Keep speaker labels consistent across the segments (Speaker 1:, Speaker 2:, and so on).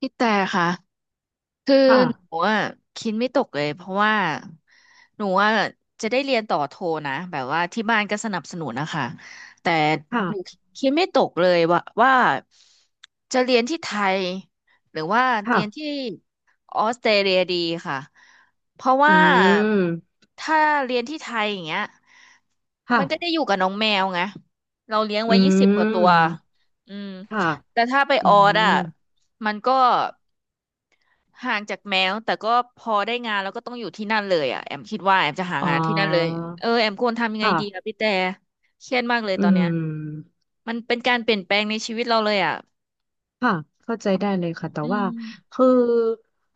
Speaker 1: พี่แต่ค่ะคือ
Speaker 2: ค่ะ
Speaker 1: หนูอ่ะคิดไม่ตกเลยเพราะว่าหนูอ่ะจะได้เรียนต่อโทนะแบบว่าที่บ้านก็สนับสนุนนะคะแต่หนู
Speaker 2: ค่ะ
Speaker 1: คิดไม่ตกเลยว่าจะเรียนที่ไทยหรือว่าเรียนที่
Speaker 2: ค่ะ
Speaker 1: ออสเตรเลียดีค่ะเพราะ
Speaker 2: อื
Speaker 1: ว่า
Speaker 2: ม
Speaker 1: ถ้าเรียนที่ไทยอย่างเงี้ย
Speaker 2: ค่ะ
Speaker 1: มันก็ได้อยู่กับน้องแมวไงเราเลี้ยง
Speaker 2: อื
Speaker 1: ไว้ยี่สิบกว่าตัว
Speaker 2: ม
Speaker 1: อืม
Speaker 2: ค่ะ
Speaker 1: แต่ถ้าไป
Speaker 2: อื
Speaker 1: ออส
Speaker 2: ม
Speaker 1: อ่ะมันก็ ห่างจากแมวแต่ก็พอได้งานแล้วก็ต้องอยู่ที่นั่นเลยอ่ะแอมคิดว่าแอมจะหา
Speaker 2: อ๋อ
Speaker 1: งานที่นั่นเลยเออแอมควรทำยังไงดีอะ
Speaker 2: ค่ะ
Speaker 1: พี่แต่เครียดมากเลย
Speaker 2: อื
Speaker 1: ตอนเนี้ย
Speaker 2: ม
Speaker 1: มันเป็นการเปลี่ยนแปลงในชีวิตเราเลยอ่ะ
Speaker 2: ค่ะเข้าใจได้เลยค่ะแต่
Speaker 1: อื
Speaker 2: ว่า
Speaker 1: ม
Speaker 2: คือ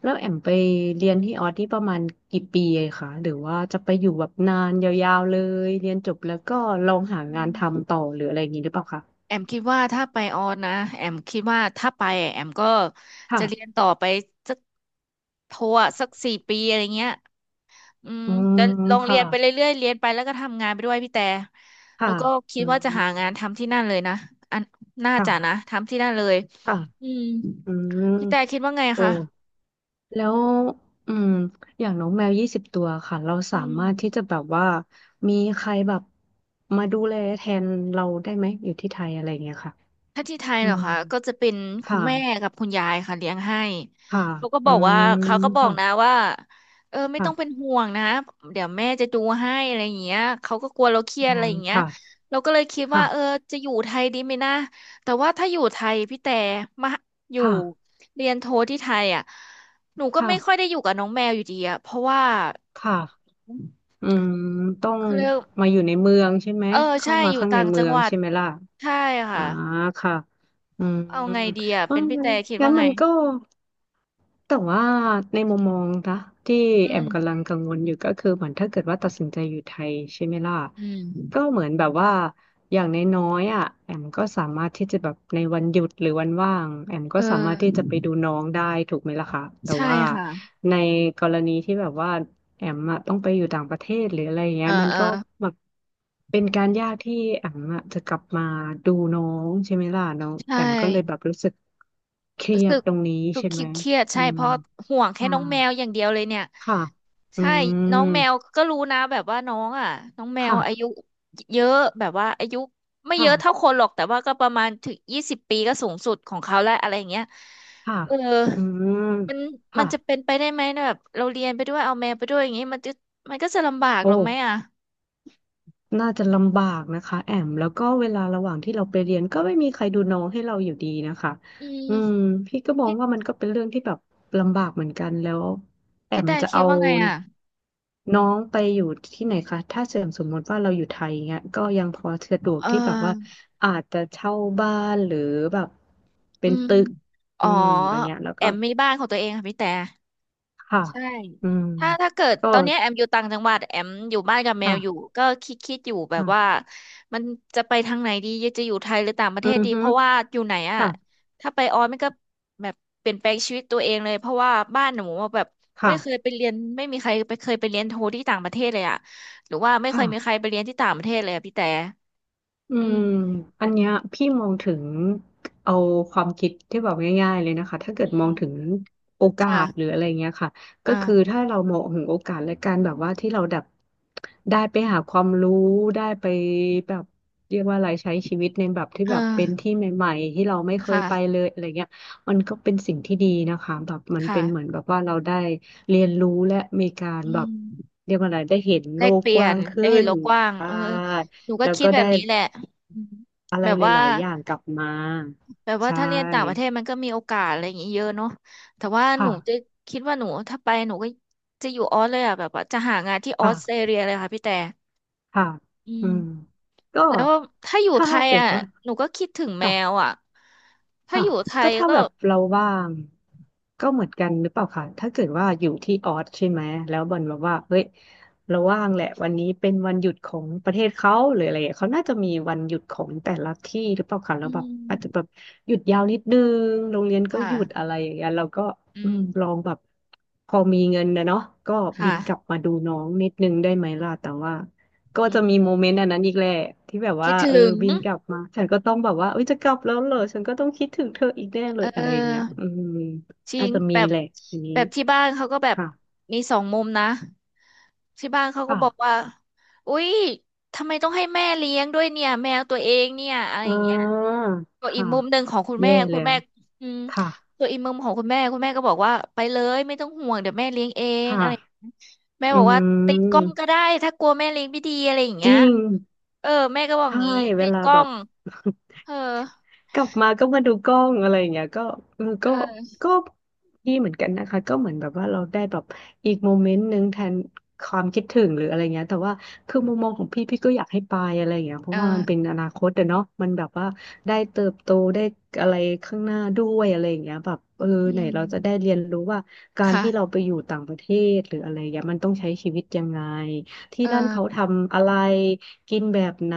Speaker 2: แล้วแอมไปเรียนที่ออสนี่ประมาณกี่ปีอคะหรือว่าจะไปอยู่แบบนานยาวๆเลยเรียนจบแล้วก็ลองหา
Speaker 1: อื
Speaker 2: งานทำ
Speaker 1: ม
Speaker 2: ต่อหรืออะไรอย่างนี้หรือเปล่าคะ
Speaker 1: แอมคิดว่าถ้าไปออสนะแอมคิดว่าถ้าไปอะแอมก็จะเรียน
Speaker 2: ค่ะ
Speaker 1: ต่อไปสักโทอะสัก4 ปีอะไรเงี้ย อืม
Speaker 2: อื
Speaker 1: แต่
Speaker 2: ม
Speaker 1: ลองเรี
Speaker 2: ค่ะ
Speaker 1: ยนไปเรื่อยๆเรียนไปแล้วก็ทำงานไปด้วยพี่แต่แล้
Speaker 2: ค่ะ
Speaker 1: วก็คิ
Speaker 2: อื
Speaker 1: ดว่าจะหางาน
Speaker 2: ม
Speaker 1: ทำที่นั่นเลยนะอันน่าจะนะ
Speaker 2: ค่ะ
Speaker 1: ทำที่นั่นเลย
Speaker 2: ค่ะ
Speaker 1: อืม
Speaker 2: อืม
Speaker 1: พี่แต่คิดว่าไง
Speaker 2: โอ้
Speaker 1: คะ
Speaker 2: แล้วอืมอย่างน้องแมว20 ตัวค่ะเรา
Speaker 1: อื
Speaker 2: สา
Speaker 1: ม
Speaker 2: มารถที่จะแบบว่ามีใครแบบมาดูแลแทนเราได้ไหมอยู่ที่ไทยอะไรอย่างเงี้ยค่ะ
Speaker 1: ถ้าที่ไทย
Speaker 2: อื
Speaker 1: เหรอ
Speaker 2: ม
Speaker 1: คะก็จะเป็น
Speaker 2: ค
Speaker 1: คุณแม่
Speaker 2: ่ะ
Speaker 1: กับคุณยายค่ะเลี้ยงให้
Speaker 2: ค่ะ
Speaker 1: เขาก็บ
Speaker 2: อื
Speaker 1: อก
Speaker 2: ม
Speaker 1: ว่าเขาก็บอก
Speaker 2: ค่ะ
Speaker 1: นะว่าเออไม่ต้องเป็น
Speaker 2: ค่ะ
Speaker 1: ห่วงนะเดี๋ยวแม่จะดูให้อะไรอย่างเงี้ยเขาก็กลัวเราเครีย
Speaker 2: อื
Speaker 1: ดอะ
Speaker 2: ม
Speaker 1: ไรอย่างเงี้ย
Speaker 2: ค่ะ
Speaker 1: เราก็เลยคิดว่าเออ
Speaker 2: ค่ะ
Speaker 1: จะอยู่ไทยดีไหมนะแต่ว่าถ้าอยู่ไทยพี่แต่มาอยู่
Speaker 2: ค่ะ
Speaker 1: เรียนโทที่ไทยอ่ะหนูก็
Speaker 2: ค่ะ
Speaker 1: ไม่ค่อยได้อยู่กับน้องแมวอยู่ดีอ่ะเพราะว่า
Speaker 2: ค่ะอืมต้อง
Speaker 1: เขาเรียก
Speaker 2: มาอยู่ในเมืองใช่ไหม
Speaker 1: เออ
Speaker 2: เข้า
Speaker 1: ใช่
Speaker 2: มา
Speaker 1: อยู่
Speaker 2: ข้างใน
Speaker 1: ต่าง
Speaker 2: เมื
Speaker 1: จัง
Speaker 2: อ
Speaker 1: ห
Speaker 2: ง
Speaker 1: วัด
Speaker 2: ใช่ไหมล่ะ
Speaker 1: ใช่
Speaker 2: อ่า
Speaker 1: ค่ะ
Speaker 2: ค่ะอืม
Speaker 1: เอาไงดีอ่ะ
Speaker 2: เออ
Speaker 1: เป็นพี่แต่คิด
Speaker 2: งั้
Speaker 1: ว่า
Speaker 2: น
Speaker 1: ไง
Speaker 2: มันก็ แต่ว่าในมุมมองนะที่
Speaker 1: อื
Speaker 2: แอ
Speaker 1: ม
Speaker 2: มกำลังกังวลอยู่ก็คือเหมือนถ้าเกิดว่าตัดสินใจอยู่ไทยใช่ไหมล่ะ
Speaker 1: อืม
Speaker 2: ก็เหมือนแบบว่าอย่างน้อยๆอ่ะแอมก็สามารถที่จะแบบในวันหยุดหรือวันว่างแอมก็
Speaker 1: เอ
Speaker 2: สามารถที่จะ
Speaker 1: อ
Speaker 2: ไปดูน้องได้ถูกไหมล่ะคะแต่
Speaker 1: ใช่
Speaker 2: ว่า
Speaker 1: ค่ะ
Speaker 2: ในกรณีที่แบบว่าแอมอะต้องไปอยู่ต่างประเทศหรืออะไรอย่าง
Speaker 1: เอ
Speaker 2: เงี้
Speaker 1: อ
Speaker 2: ยมัน
Speaker 1: เออ
Speaker 2: ก็แบบเป็นการยากที่แอมอะจะกลับมาดูน้องใช่ไหมล่ะน้อง
Speaker 1: ใช่
Speaker 2: แอมก็เลยแบบรู้สึกเครี
Speaker 1: รู้
Speaker 2: ย
Speaker 1: สึ
Speaker 2: ด
Speaker 1: ก
Speaker 2: ตรงนี้
Speaker 1: รู้สึก
Speaker 2: ใช่ไห
Speaker 1: คิ
Speaker 2: ม
Speaker 1: ดเครียดๆ
Speaker 2: อื
Speaker 1: ใช่เพ
Speaker 2: ม
Speaker 1: ราะห่วงแค่น้องแมวอย่างเดียวเลยเนี่ย
Speaker 2: ค่ะค่ะอื
Speaker 1: ใช่น้องแมว
Speaker 2: ม
Speaker 1: ก็รู้นะแบบว่าน้องอ่ะน้องแมว
Speaker 2: ค่ะ
Speaker 1: อายุเยอะแบบว่าอายุไม่เยอะเท่า
Speaker 2: ค่ะ
Speaker 1: คนหรอกแต่ว่าก็ประมาณถึง20 ปีก็สูงสุดของเขาแล้วอะไรอย่างเงี้ย
Speaker 2: ค่ะ
Speaker 1: เออ
Speaker 2: อืม
Speaker 1: มันมั
Speaker 2: ค่ะ
Speaker 1: นจะเป็นไปได้ไหมนะแบบเราเรียนไปด้วยเอาแมวไปด้วยอย่างงี้มันจะมันก็จะลำบากหร
Speaker 2: โอ้
Speaker 1: อไหมอ่ะ
Speaker 2: น่าจะลำบากนะคะแอมแล้วก็เวลาระหว่างที่เราไปเรียนก็ไม่มีใครดูน้องให้เราอยู่ดีนะคะ
Speaker 1: อืม
Speaker 2: อืมพี่ก็มอง
Speaker 1: พี่
Speaker 2: ว่ามันก็เป็นเรื่องที่แบบลำบากเหมือนกันแล้วแอ
Speaker 1: พี่
Speaker 2: ม
Speaker 1: แต่
Speaker 2: จะ
Speaker 1: คิด
Speaker 2: เอา
Speaker 1: ว่าไงอ่ะ
Speaker 2: น้องไปอยู่ที่ไหนคะถ้าเสมสมมติว่าเราอยู่ไทยเงี้ยก็ยังพอสะดวก
Speaker 1: เอ
Speaker 2: ที่แบบว่า
Speaker 1: อ
Speaker 2: อาจจะเช่าบ้านหรือแบบเป็
Speaker 1: อื
Speaker 2: น
Speaker 1: ม
Speaker 2: ตึก
Speaker 1: อ๋
Speaker 2: อื
Speaker 1: อ
Speaker 2: มอย่างเงี้ยแล้ว
Speaker 1: แอ
Speaker 2: ก็
Speaker 1: มมีบ้านของตัวเองค่ะพี่แต่
Speaker 2: ค่ะ
Speaker 1: ใช่
Speaker 2: อืม
Speaker 1: ถ้าเกิด
Speaker 2: ก็
Speaker 1: ตอนเนี้ยแอมอยู่ต่างจังหวัดแอมอยู่บ้านกับแมวอยู่
Speaker 2: ค่ะ
Speaker 1: ก็คิดอยู่แบบว่า
Speaker 2: ค่ะ
Speaker 1: มันจะไปทางไหนดี จะอยู่ไทยหรือต่างประ
Speaker 2: อื
Speaker 1: เทศ
Speaker 2: อ
Speaker 1: ดี
Speaker 2: ฮึ
Speaker 1: เพราะว่าอยู่ไหนอ่ะ
Speaker 2: ค่ะ
Speaker 1: ถ้าไปออสมันก็แบบเปลี่ยนแปลงชีวิตตัวเองเลย เพราะว่าบ้านหนูอะแบบไม่
Speaker 2: ค่ะ
Speaker 1: เคยไปเรียนไม่มีใครไปเคยไปเรียนโทที่ต่างประเทศเลยอ่ะหรือว่าไม่เค
Speaker 2: ค่ะ
Speaker 1: ยมีใครไปเรียนที่ต่างประเทศเลยอะพี่แต่
Speaker 2: อื
Speaker 1: อื
Speaker 2: ม
Speaker 1: ม
Speaker 2: อันเนี้ยพี่มองถึงเอาความคิดที่แบบง่ายๆเลยนะคะถ้าเกิ
Speaker 1: อื
Speaker 2: ดมองถึง
Speaker 1: ม
Speaker 2: โอกาสหรือ
Speaker 1: ค่ะ
Speaker 2: อะไรเงี้ยค่ะก็คือ
Speaker 1: อ่า
Speaker 2: ถ้าเรามองถึงโอกาสและการแบบว่าที่เราแบบได้ไปหาความรู้ได้ไปแบบเรียกว่าอะไรใช้ชีวิตในแบบที่
Speaker 1: เอ
Speaker 2: แบบเป็น
Speaker 1: อ
Speaker 2: ที่ใหม่ๆที่เราไม่เคย
Speaker 1: ค่ะ
Speaker 2: ไปเลยอะไรเงี้ยมันก็เป็นสิ่งที่ดีนะคะแบบมันเป็นเหมือน
Speaker 1: ค่ะ
Speaker 2: แบบว่าเราได้เรียนรู้และมีการ
Speaker 1: อื
Speaker 2: แบบ
Speaker 1: ม
Speaker 2: เรียกว่าอะไรได้เห็น
Speaker 1: แล
Speaker 2: โล
Speaker 1: ก
Speaker 2: ก
Speaker 1: เปลี่
Speaker 2: ก
Speaker 1: ย
Speaker 2: ว้า
Speaker 1: น
Speaker 2: งขึ้
Speaker 1: ได้เห็น
Speaker 2: น
Speaker 1: โลกกว้าง
Speaker 2: อ่
Speaker 1: เออหนูก็
Speaker 2: แล้ว
Speaker 1: คิด
Speaker 2: ก็
Speaker 1: แบ
Speaker 2: ได้
Speaker 1: บนี้แหละอืม
Speaker 2: อะไร
Speaker 1: แบบ
Speaker 2: ห
Speaker 1: ว่า
Speaker 2: ลายๆอย่างกลับมา
Speaker 1: แบบว่า
Speaker 2: ใช่
Speaker 1: ถ้าเรียนต่างประเทศมันก็มีโอกาสอะไรอย่างงี้เยอะเนาะแต่ว่าหนูจะ
Speaker 2: ค่ะ
Speaker 1: คิดว่าหนูถ้าไปหนูก็จะอยู่ออสเลยอ่ะแบบว่าจะหางานที่ออสเตร
Speaker 2: ค่ะ
Speaker 1: เลียเลยค่ะพี่แต่
Speaker 2: ค่ะ
Speaker 1: อื
Speaker 2: อืม
Speaker 1: ม
Speaker 2: ก็
Speaker 1: แล้วถ้าอยู่
Speaker 2: ถ้า
Speaker 1: ไทย
Speaker 2: เกิด
Speaker 1: อ่ะ
Speaker 2: ว่า
Speaker 1: หนูก็คิดถึงแม
Speaker 2: ค่ะ
Speaker 1: วอ่ะถ้า
Speaker 2: ค่ะ
Speaker 1: อยู่ไท
Speaker 2: ก็
Speaker 1: ย
Speaker 2: ถ้า
Speaker 1: ก็
Speaker 2: แบบเราว่างก็เหมือนกันหรือเปล่าคะถ้าเกิดว่าอยู่ที่ออสใช่ไหมแล้วบอลแบบว่าเฮ้ยเราว่างแหละวันนี้เป็นวันหยุดของประเทศเขาหรืออะไรอย่างเงี้ยเขาน่าจะมีวันหยุดของแต่ละที่หรือเปล่าคะ
Speaker 1: อื
Speaker 2: แล้วแบบอาจจะแบ
Speaker 1: ม
Speaker 2: บหยุดยาวนิดนึงโรงเรียนก็
Speaker 1: ค่ะ
Speaker 2: หยุดอะไรอย่างเงี้ยเราก็
Speaker 1: อืม
Speaker 2: ลองแบบพอมีเงินนะเนาะก็บิ
Speaker 1: ค่ะ
Speaker 2: นกลับมาดูน้องนิดนึงได้ไหมล่ะแต่ว่า ก็
Speaker 1: อื
Speaker 2: จะ
Speaker 1: ม
Speaker 2: มีโมเมนต์อันนั้นอีกแหละที่แบบ
Speaker 1: คิ
Speaker 2: ว่า
Speaker 1: ด
Speaker 2: เออ
Speaker 1: ถึง
Speaker 2: บินกลับมาฉันก็ต้องแบบว่าเอ้ยจะกลับแล้วเหรอฉันก็ต้องคิดถึงเธออีกแน่เล
Speaker 1: เอ
Speaker 2: ยอะไรอย่างเงี้ย
Speaker 1: อ
Speaker 2: อืม
Speaker 1: จริ
Speaker 2: อาจ
Speaker 1: ง
Speaker 2: จะ
Speaker 1: แบ
Speaker 2: มี
Speaker 1: บ
Speaker 2: แหละทีนี้
Speaker 1: แบบที่บ้านเขาก็แบบ
Speaker 2: ค่ะ
Speaker 1: มีสองมุมนะที่บ้านเขาก็
Speaker 2: ค่ะ
Speaker 1: บอกว่าอุ๊ยทำไมต้องให้แม่เลี้ยงด้วยเนี่ยแมวตัวเองเนี่ยอะไร
Speaker 2: อ่
Speaker 1: อย่างเงี้ย
Speaker 2: า
Speaker 1: ก็อีก
Speaker 2: ค่ะ
Speaker 1: มุมหนึ่งของคุณ
Speaker 2: แย่
Speaker 1: แม่คุ
Speaker 2: แล้
Speaker 1: ณแม่
Speaker 2: ว
Speaker 1: อืม
Speaker 2: ค่ะ
Speaker 1: ตัวอีกมุมของคุณแม่คุณแม่ก็บอกว่าไปเลยไม่ต้องห่วงเดี๋ยวแม่เลี้ยงเอ
Speaker 2: ค
Speaker 1: งอะไรอย่างเงี้
Speaker 2: ่ะ
Speaker 1: ยแม่
Speaker 2: อื
Speaker 1: บอกว่าติดกล้องก็
Speaker 2: ม
Speaker 1: ได้ถ้ากลัวแม่เลี้ยงไม่ดีอะไรอย่าง
Speaker 2: จ
Speaker 1: เงี้ย
Speaker 2: ริง
Speaker 1: เออแม่ก็บอกอ
Speaker 2: ใช่
Speaker 1: ย่างงี้
Speaker 2: เว
Speaker 1: ติด
Speaker 2: ลา
Speaker 1: กล้อ
Speaker 2: แบบ
Speaker 1: ง เออ
Speaker 2: กลับมาก็มาดูกล้องอะไรอย่างเงี้ยก็เออก็
Speaker 1: เออ
Speaker 2: ก็ดีเหมือนกันนะคะก็เหมือนแบบว่าเราได้แบบอีกโมเมนต์หนึ่งแทนความคิดถึงหรืออะไรเงี้ยแต่ว่าคือมุมมองของพี่พี่ก็อยากให้ไปอะไรอย่างเงี้ยเพ
Speaker 1: เอ
Speaker 2: ราะว่ามันเป็น
Speaker 1: อ
Speaker 2: อนาคตอะเนาะมันแบบว่าได้เติบโตได้อะไรข้างหน้าด้วยอะไรอย่างเงี้ยแบบเออ
Speaker 1: อื
Speaker 2: ไหน
Speaker 1: ม
Speaker 2: เราจะได้เรียนรู้ว่าการที่เรา
Speaker 1: ค่ะ
Speaker 2: ไปอยู่ต่างประเทศหรืออะไรเงี้ยมันต้องใช้ชีวิตยังไงที่
Speaker 1: เอ
Speaker 2: นั่นเขา
Speaker 1: อ
Speaker 2: ทำอะไร กินแบบไหน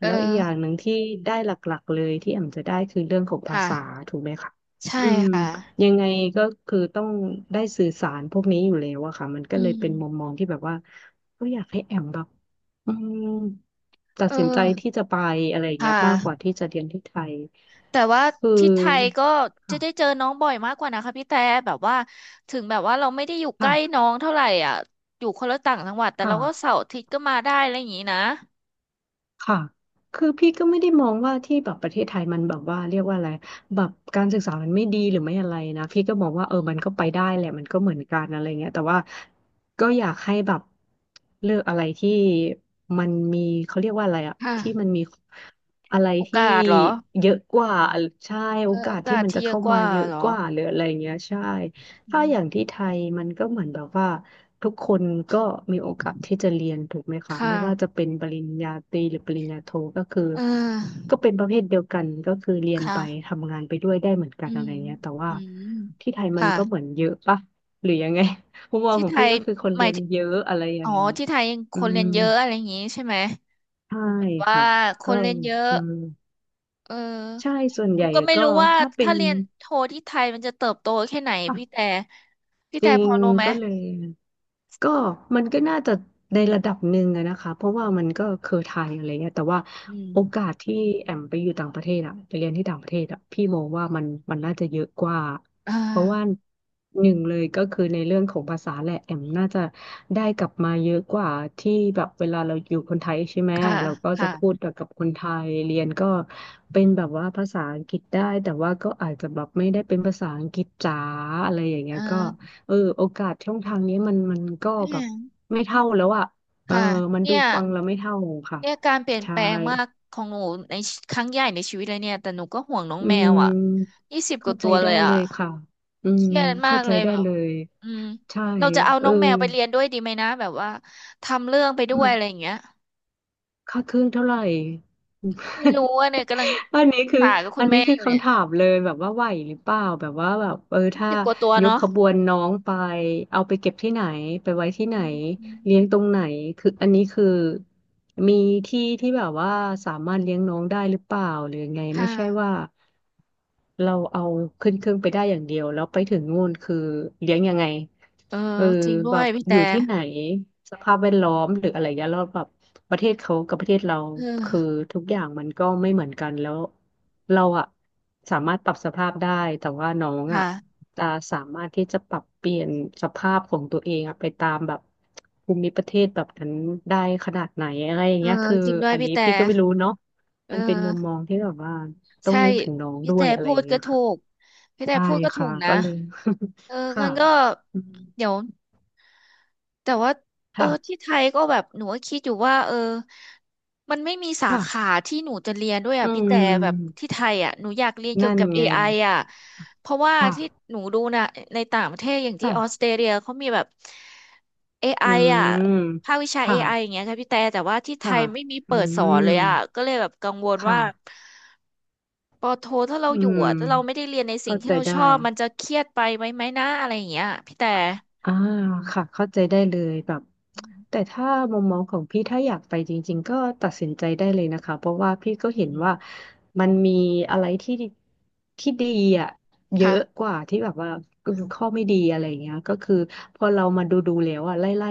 Speaker 1: เอ
Speaker 2: แล้วอีกอย่าง
Speaker 1: อ
Speaker 2: หนึ่งที่ได้หลักๆเลยที่แอมจะได้คือเรื่องของ
Speaker 1: ค
Speaker 2: ภาษา
Speaker 1: ่ะ
Speaker 2: ถูกไหมคะ
Speaker 1: ใช่
Speaker 2: อืม
Speaker 1: ค่ะ
Speaker 2: ยังไงก็คือต้องได้สื่อสารพวกนี้อยู่แล้วอะค่ะมันก็
Speaker 1: อื
Speaker 2: เลยเป็นมุม
Speaker 1: ม
Speaker 2: มองที่แบบว่าก็อยากให้แอมแบบอืมตั
Speaker 1: เ
Speaker 2: ดสินใจ
Speaker 1: ออ
Speaker 2: ที่จะไปอะไรอย่าง
Speaker 1: ค่
Speaker 2: เงี้ยมากกว่า
Speaker 1: ะ
Speaker 2: ที่จะเรียนที่ไทย
Speaker 1: แต่ว่า
Speaker 2: คือ
Speaker 1: ที่ไทยก็จะ
Speaker 2: ค่ะ
Speaker 1: ได้เจอน้องบ่อยมากกว่านะคะพี่แต่แบบว่าถึงแบบว่าเราไม่ได้อยู่ใก
Speaker 2: ค่ะ
Speaker 1: ล้น้องเท่าไหร่อ่ะอยู่คนละต่างจังหวัดแต่
Speaker 2: ค่ะ
Speaker 1: เราก็เสาร์อาทิตย์ก็มาได้อะไรอย่างนี้นะ
Speaker 2: ค่ะ คือพี่ก็ไม่ได้มองว่าที่แบบประเทศไทยมันแบบว่าเรียกว่าอะไรแบบการศึกษามันไม่ดีหรือไม่อะไรนะ พี่ก็มองว่า
Speaker 1: อื
Speaker 2: มันก็
Speaker 1: ม
Speaker 2: ไปได้แหละมันก็เหมือนกันอะไรเงี้ยแต่ว่าก็อยากให้แบบเลือกอะไรที่มันมีเขาเรียกว่าอะไรอะ
Speaker 1: ค่ะ
Speaker 2: ที่มันมีอะไร
Speaker 1: โอ
Speaker 2: ที่
Speaker 1: กาสเหรอ
Speaker 2: เยอะกว่าใช่
Speaker 1: เอ
Speaker 2: โอ
Speaker 1: อโอ
Speaker 2: กาส
Speaker 1: กา
Speaker 2: ที่
Speaker 1: ส
Speaker 2: มัน
Speaker 1: ที่
Speaker 2: จะ
Speaker 1: เยอะ
Speaker 2: เข้า
Speaker 1: ก
Speaker 2: มา
Speaker 1: ว่า
Speaker 2: เยอะ
Speaker 1: เหรอ
Speaker 2: กว่าหรืออะไรเงี้ยใช่
Speaker 1: อื
Speaker 2: ถ้าอย่างที่
Speaker 1: ม
Speaker 2: ไทยมันก็เหมือนแบบว่า ทุกคนก็มีโอกาสที่จะเรียนถูกไหม
Speaker 1: ค
Speaker 2: คะไม่ว่าจะ
Speaker 1: ่ะ
Speaker 2: เป็นปริญญาตรีหรือปริญญาโทก็คือ
Speaker 1: เออ
Speaker 2: ก็เป็นประเภทเดียวกันก็คือเรีย
Speaker 1: ค
Speaker 2: นไป
Speaker 1: ่ะ
Speaker 2: ทำงานไปด้วยได้เหมือนกั
Speaker 1: อื
Speaker 2: นอะไร
Speaker 1: ม
Speaker 2: เงี้ยแต่ว่า
Speaker 1: อืม
Speaker 2: ที่ไทยมัน
Speaker 1: ค่ะ
Speaker 2: ก็เหมือนเยอะปะหรือยังไง มุมมอง
Speaker 1: ที่
Speaker 2: ขอ
Speaker 1: ไท
Speaker 2: งพี่
Speaker 1: ย
Speaker 2: ก็คือคน
Speaker 1: ห
Speaker 2: เรี
Speaker 1: มาย
Speaker 2: ยน
Speaker 1: ถึง
Speaker 2: เยอะอะไรอย่า
Speaker 1: อ๋
Speaker 2: ง
Speaker 1: อ
Speaker 2: เงี้ย
Speaker 1: ที่ไทยค
Speaker 2: อื
Speaker 1: นเรี
Speaker 2: ม
Speaker 1: ยนเยอะอะไรอย่างนี้ใช่ไหม
Speaker 2: ใช่
Speaker 1: แบบว่า
Speaker 2: ค่ะ
Speaker 1: ค
Speaker 2: ก็
Speaker 1: นเรียนเยอะ
Speaker 2: อืม
Speaker 1: เออ
Speaker 2: ใช่ส่วน
Speaker 1: ห
Speaker 2: ให
Speaker 1: นู
Speaker 2: ญ่
Speaker 1: ก็ไม่
Speaker 2: ก็
Speaker 1: รู้ว่า
Speaker 2: ถ้าเป็
Speaker 1: ถ้า
Speaker 2: น
Speaker 1: เรียนโทที่ไทยมันจะเติบโตแค่ไหน
Speaker 2: อ่ะ
Speaker 1: พี่แต่พี่
Speaker 2: จ
Speaker 1: แต่
Speaker 2: ริ
Speaker 1: พ
Speaker 2: ง
Speaker 1: อรู้ไหม
Speaker 2: ก็เลย ก็มันก็น่าจะในระดับหนึ่งอะนะคะเพราะว่ามันก็เคยไทยอะไรเงี้ยแต่ว่า
Speaker 1: อื
Speaker 2: โอ
Speaker 1: ม
Speaker 2: กาสที่แอมไปอยู่ต่างประเทศอะไปเรียนที่ต่างประเทศอะพี่มองว่ามันน่าจะเยอะกว่า
Speaker 1: อ่า
Speaker 2: เพราะว่าหนึ่งเลยก็คือในเรื่องของภาษาแหละแอมน่าจะได้กลับมาเยอะกว่าที่แบบเวลาเราอยู่คนไทยใช่ไหม
Speaker 1: ค่ะ
Speaker 2: เราก็จะพู
Speaker 1: ค่ะ
Speaker 2: ดกับคนไทยเรียนก็เป็นแบบว่าภาษาอังกฤษได้แต่ว่าก็อาจจะแบบไม่ได้เป็นภาษาอังกฤษจ๋าอะไรอย่างเงี้
Speaker 1: เอ
Speaker 2: ยก็
Speaker 1: อ
Speaker 2: โอกาสช่องทางนี้มันก็แบ
Speaker 1: เนี่ย
Speaker 2: บไม่เท่าแล้วอ่ะเออ
Speaker 1: ค่ะ
Speaker 2: มัน
Speaker 1: เนี่
Speaker 2: ดู
Speaker 1: ย
Speaker 2: ฟังแล้วไม่เท่าค่ะ
Speaker 1: เนี่ยการเปลี่ยน
Speaker 2: ใช่
Speaker 1: แปลงมากของหนูในครั้งใหญ่ในชีวิตเลยเนี่ยแต่หนูก็ห่วงน้อง
Speaker 2: อื
Speaker 1: แมวอ่ะ
Speaker 2: ม
Speaker 1: ยี่สิบก
Speaker 2: เข้า
Speaker 1: ว่า
Speaker 2: ใจ
Speaker 1: ตัวเล
Speaker 2: ได้
Speaker 1: ย
Speaker 2: เล
Speaker 1: อ่ะ
Speaker 2: ยค่ะอื
Speaker 1: เค
Speaker 2: ม
Speaker 1: รียดมา
Speaker 2: เข้า
Speaker 1: ก
Speaker 2: ใจ
Speaker 1: เลย
Speaker 2: ได้
Speaker 1: แบบ
Speaker 2: เลย
Speaker 1: อืม
Speaker 2: ใช่
Speaker 1: เราจะเอา
Speaker 2: เอ
Speaker 1: น้
Speaker 2: อ
Speaker 1: องแมวไปเรียนด้วยดีไหมนะแบบว่าทำเรื่องไปด้ว
Speaker 2: มั
Speaker 1: ย
Speaker 2: น
Speaker 1: อะไรอย่างเงี้ย
Speaker 2: ค่าเครื่องเท่าไหร่
Speaker 1: ไม่รู้ว่าเนี่ยกำลังปร
Speaker 2: อันนี้
Speaker 1: ึก
Speaker 2: คือ
Speaker 1: ษากับคุ
Speaker 2: อั
Speaker 1: ณ
Speaker 2: นนี้
Speaker 1: แม่
Speaker 2: คื
Speaker 1: อ
Speaker 2: อ
Speaker 1: ยู่เนี่ย
Speaker 2: คำถามเลยแบบว่าไหวหรือเปล่าแบบว่าแบบถ้า
Speaker 1: สิบกว่าตัว
Speaker 2: ยก
Speaker 1: เนาะ
Speaker 2: ขบวนน้องไปเอาไปเก็บที่ไหนไปไว้ที่ไหน
Speaker 1: อืม
Speaker 2: เลี้ยงตรงไหนคืออันนี้คือมีที่ที่แบบว่าสามารถเลี้ยงน้องได้หรือเปล่าหรือยังไงไม่
Speaker 1: ค่ะ
Speaker 2: ใช่ว่า เราเอาขึ้นเครื่องไปได้อย่างเดียวแล้วไปถึงนู่นคือเลี้ยงยังไง
Speaker 1: เออ
Speaker 2: เออ
Speaker 1: จริงด้
Speaker 2: แบ
Speaker 1: วย
Speaker 2: บ
Speaker 1: พี่
Speaker 2: อ
Speaker 1: แต่
Speaker 2: ยู่ที่ไหนสภาพแวดล้อมหรืออะไรเงี้ยแล้วแบบประเทศเขากับประเทศเรา
Speaker 1: เออ
Speaker 2: คือทุกอย่างมันก็ไม่เหมือนกันแล้วเราอะสามารถปรับสภาพได้แต่ว่าน้องอะ
Speaker 1: ค่ะ
Speaker 2: จะสามารถที่จะปรับเปลี่ยนสภาพของตัวเองอะไปตามแบบภูมิประเทศแบบนั้นได้ขนาดไหนอะไรอย่าง
Speaker 1: เออ
Speaker 2: เงี้ยคือ
Speaker 1: จริงด้วย
Speaker 2: อัน
Speaker 1: พี่
Speaker 2: นี้
Speaker 1: แต่
Speaker 2: พี่ก็ไม่รู้เนาะ
Speaker 1: เอ
Speaker 2: มันเป็นมุมม
Speaker 1: อ
Speaker 2: องที่แบบว่า ต้อง
Speaker 1: ใช่
Speaker 2: นึกถึงน้อง
Speaker 1: พี่
Speaker 2: ด้ว
Speaker 1: แต่
Speaker 2: ยอะไร
Speaker 1: พู
Speaker 2: อ
Speaker 1: ด
Speaker 2: ย่างเงี้
Speaker 1: ก็
Speaker 2: ย
Speaker 1: ถู
Speaker 2: ค่ะ
Speaker 1: กพี่แต่
Speaker 2: ใช่
Speaker 1: พูดก็ถู
Speaker 2: ค่ะ
Speaker 1: กนะ
Speaker 2: ก็เลย
Speaker 1: เออ
Speaker 2: ค่ะ
Speaker 1: งั้นก็
Speaker 2: อืม
Speaker 1: เดี๋ยว แต่ว่าเออ
Speaker 2: ค่ะ
Speaker 1: ที่ไทยก็แบบหนูก็คิดอยู่ว่าเออมันไม่มีสา
Speaker 2: ค่ะ
Speaker 1: ขาที่หนูจะเรียนด้วย
Speaker 2: อื
Speaker 1: อ่ะพี่แต่แบบ
Speaker 2: ม
Speaker 1: ที่ไทยอ่ะหนูอยากเรียนเกี่ย
Speaker 2: นั่
Speaker 1: ว
Speaker 2: น
Speaker 1: กับ a
Speaker 2: ไง
Speaker 1: ไออ่ะเพราะว่า
Speaker 2: ค่ะ
Speaker 1: ที่หนูดูนะในต่างประเทศอย่างที่ออสเต
Speaker 2: ค่ะ
Speaker 1: รเลียเขามีแบบเอ i
Speaker 2: อื
Speaker 1: ออ่ะ
Speaker 2: ม
Speaker 1: ภาควิชา a
Speaker 2: ค่ะ
Speaker 1: ไออย่างเงี้ยค่ะพี่แต่แต่ว่าที่ไท
Speaker 2: ค่ะ
Speaker 1: ยไม่มี
Speaker 2: อื
Speaker 1: เปิดสอน
Speaker 2: ม
Speaker 1: เลยอ่ะก็เลยแบบกังวล
Speaker 2: ค
Speaker 1: ว่า
Speaker 2: ่ะ
Speaker 1: ปอโทถ้าเรา
Speaker 2: อื
Speaker 1: อยู่
Speaker 2: ม
Speaker 1: อ่ะถ้าเราไม่ได้เรียนในสิ่ง
Speaker 2: เข้า
Speaker 1: ที่
Speaker 2: ใจ
Speaker 1: เรา
Speaker 2: ได้
Speaker 1: ชอบมันจะเครียดไปไหมนะอะไรอย่างเงี้ยพี่แต่
Speaker 2: อ่าค่ะเข้าใจได้เลยแบบ
Speaker 1: อื
Speaker 2: แต่
Speaker 1: ม
Speaker 2: ถ้ามองของพี่ถ้าอยากไปจริงๆก็ตัดสินใจได้เลยนะคะเพราะว่าพี่ก็
Speaker 1: อื
Speaker 2: เห็น
Speaker 1: ม
Speaker 2: ว่ามันมีอะไรที่ที่ดีอ่ะเยอะก
Speaker 1: ค่ะ
Speaker 2: ว่าที่แบบว่าข้อไม่ดีอะไรอย่างเงี้ยก็คือพอเรามาดูแล้วอ่ะไล่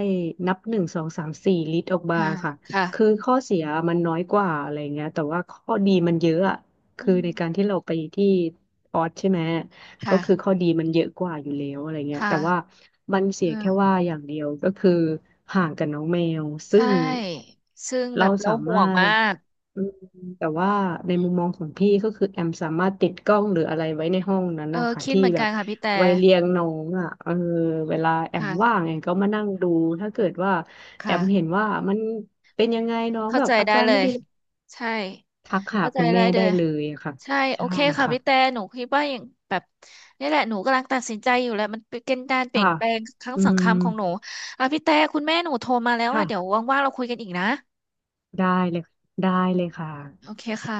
Speaker 2: นับ1 2 3 4ลิตรออกมา
Speaker 1: ค่ะ
Speaker 2: ค่ะคือ
Speaker 1: ค่ะ
Speaker 2: ข้อเสียมันน้อยกว่าอะไรอย่างเงี้ยแต่ว่าข้อดีมันเยอะอ่ะ
Speaker 1: อื
Speaker 2: คือ
Speaker 1: ม
Speaker 2: ในการที่เราไปที่ออสใช่ไหม ก็คือข้
Speaker 1: ค่ะ
Speaker 2: อดีมันเยอะกว่าอยู่แล้วอะไรเงี้ย
Speaker 1: ค่ะ
Speaker 2: แต่ว่ามันเสียแค่
Speaker 1: เออ
Speaker 2: ว่าอย่างเดียวก็คือห่างกับน้องแมวซึ่
Speaker 1: ใช่
Speaker 2: ง
Speaker 1: ซึ่งแบ
Speaker 2: เรา
Speaker 1: บเรา
Speaker 2: สา
Speaker 1: ห่
Speaker 2: มา
Speaker 1: วง
Speaker 2: ร
Speaker 1: มา
Speaker 2: ถ
Speaker 1: ก
Speaker 2: อืมแต่ว่าในมุมมองของพี่ก็คือแอมสามารถติดกล้องหรืออะไรไว้ในห้องนั้น
Speaker 1: เออ
Speaker 2: นะคะ
Speaker 1: คิด
Speaker 2: ที่
Speaker 1: เหมือน
Speaker 2: แบ
Speaker 1: กัน
Speaker 2: บ
Speaker 1: ค่ะพี่แต่
Speaker 2: ไว้เลี้ยงน้องอ่ะเออเวลาแอม
Speaker 1: ค่ะ
Speaker 2: ว่างแอมก็มานั่งดูถ้าเกิดว่าแอมเห็น
Speaker 1: ค่ะ
Speaker 2: ว่ามันเป็นยังไงน้อง
Speaker 1: เข้า
Speaker 2: แบบ
Speaker 1: ใจ
Speaker 2: อา
Speaker 1: ได้
Speaker 2: การ
Speaker 1: เล
Speaker 2: ไม่
Speaker 1: ย
Speaker 2: ดี
Speaker 1: ใช่
Speaker 2: ทักหา
Speaker 1: เข้าใจ
Speaker 2: คุณ
Speaker 1: ได้
Speaker 2: แม่
Speaker 1: เล
Speaker 2: ได้
Speaker 1: ย
Speaker 2: เลยอะค่ะ
Speaker 1: ใช่ โอ
Speaker 2: ใช่
Speaker 1: เคค่ะ
Speaker 2: ค่ะ
Speaker 1: พี่แต่หนูคิดว่าอย่างแบบนี่แหละ หนูกำลังตัดสินใจอยู่แหละมันเป็นการเปลี่ย
Speaker 2: ค่ะ
Speaker 1: นแปลงครั้ง
Speaker 2: อืม
Speaker 1: สำคัญของหนูอ่ะพี่แต่คุณแม่หนูโทรมาแล้วอ่ะเดี๋ยว
Speaker 2: ค่ะ
Speaker 1: ว่างๆเราคุยกันอีกนะ
Speaker 2: ได้เลยได้เลยค่ะ
Speaker 1: โอเคค่ะ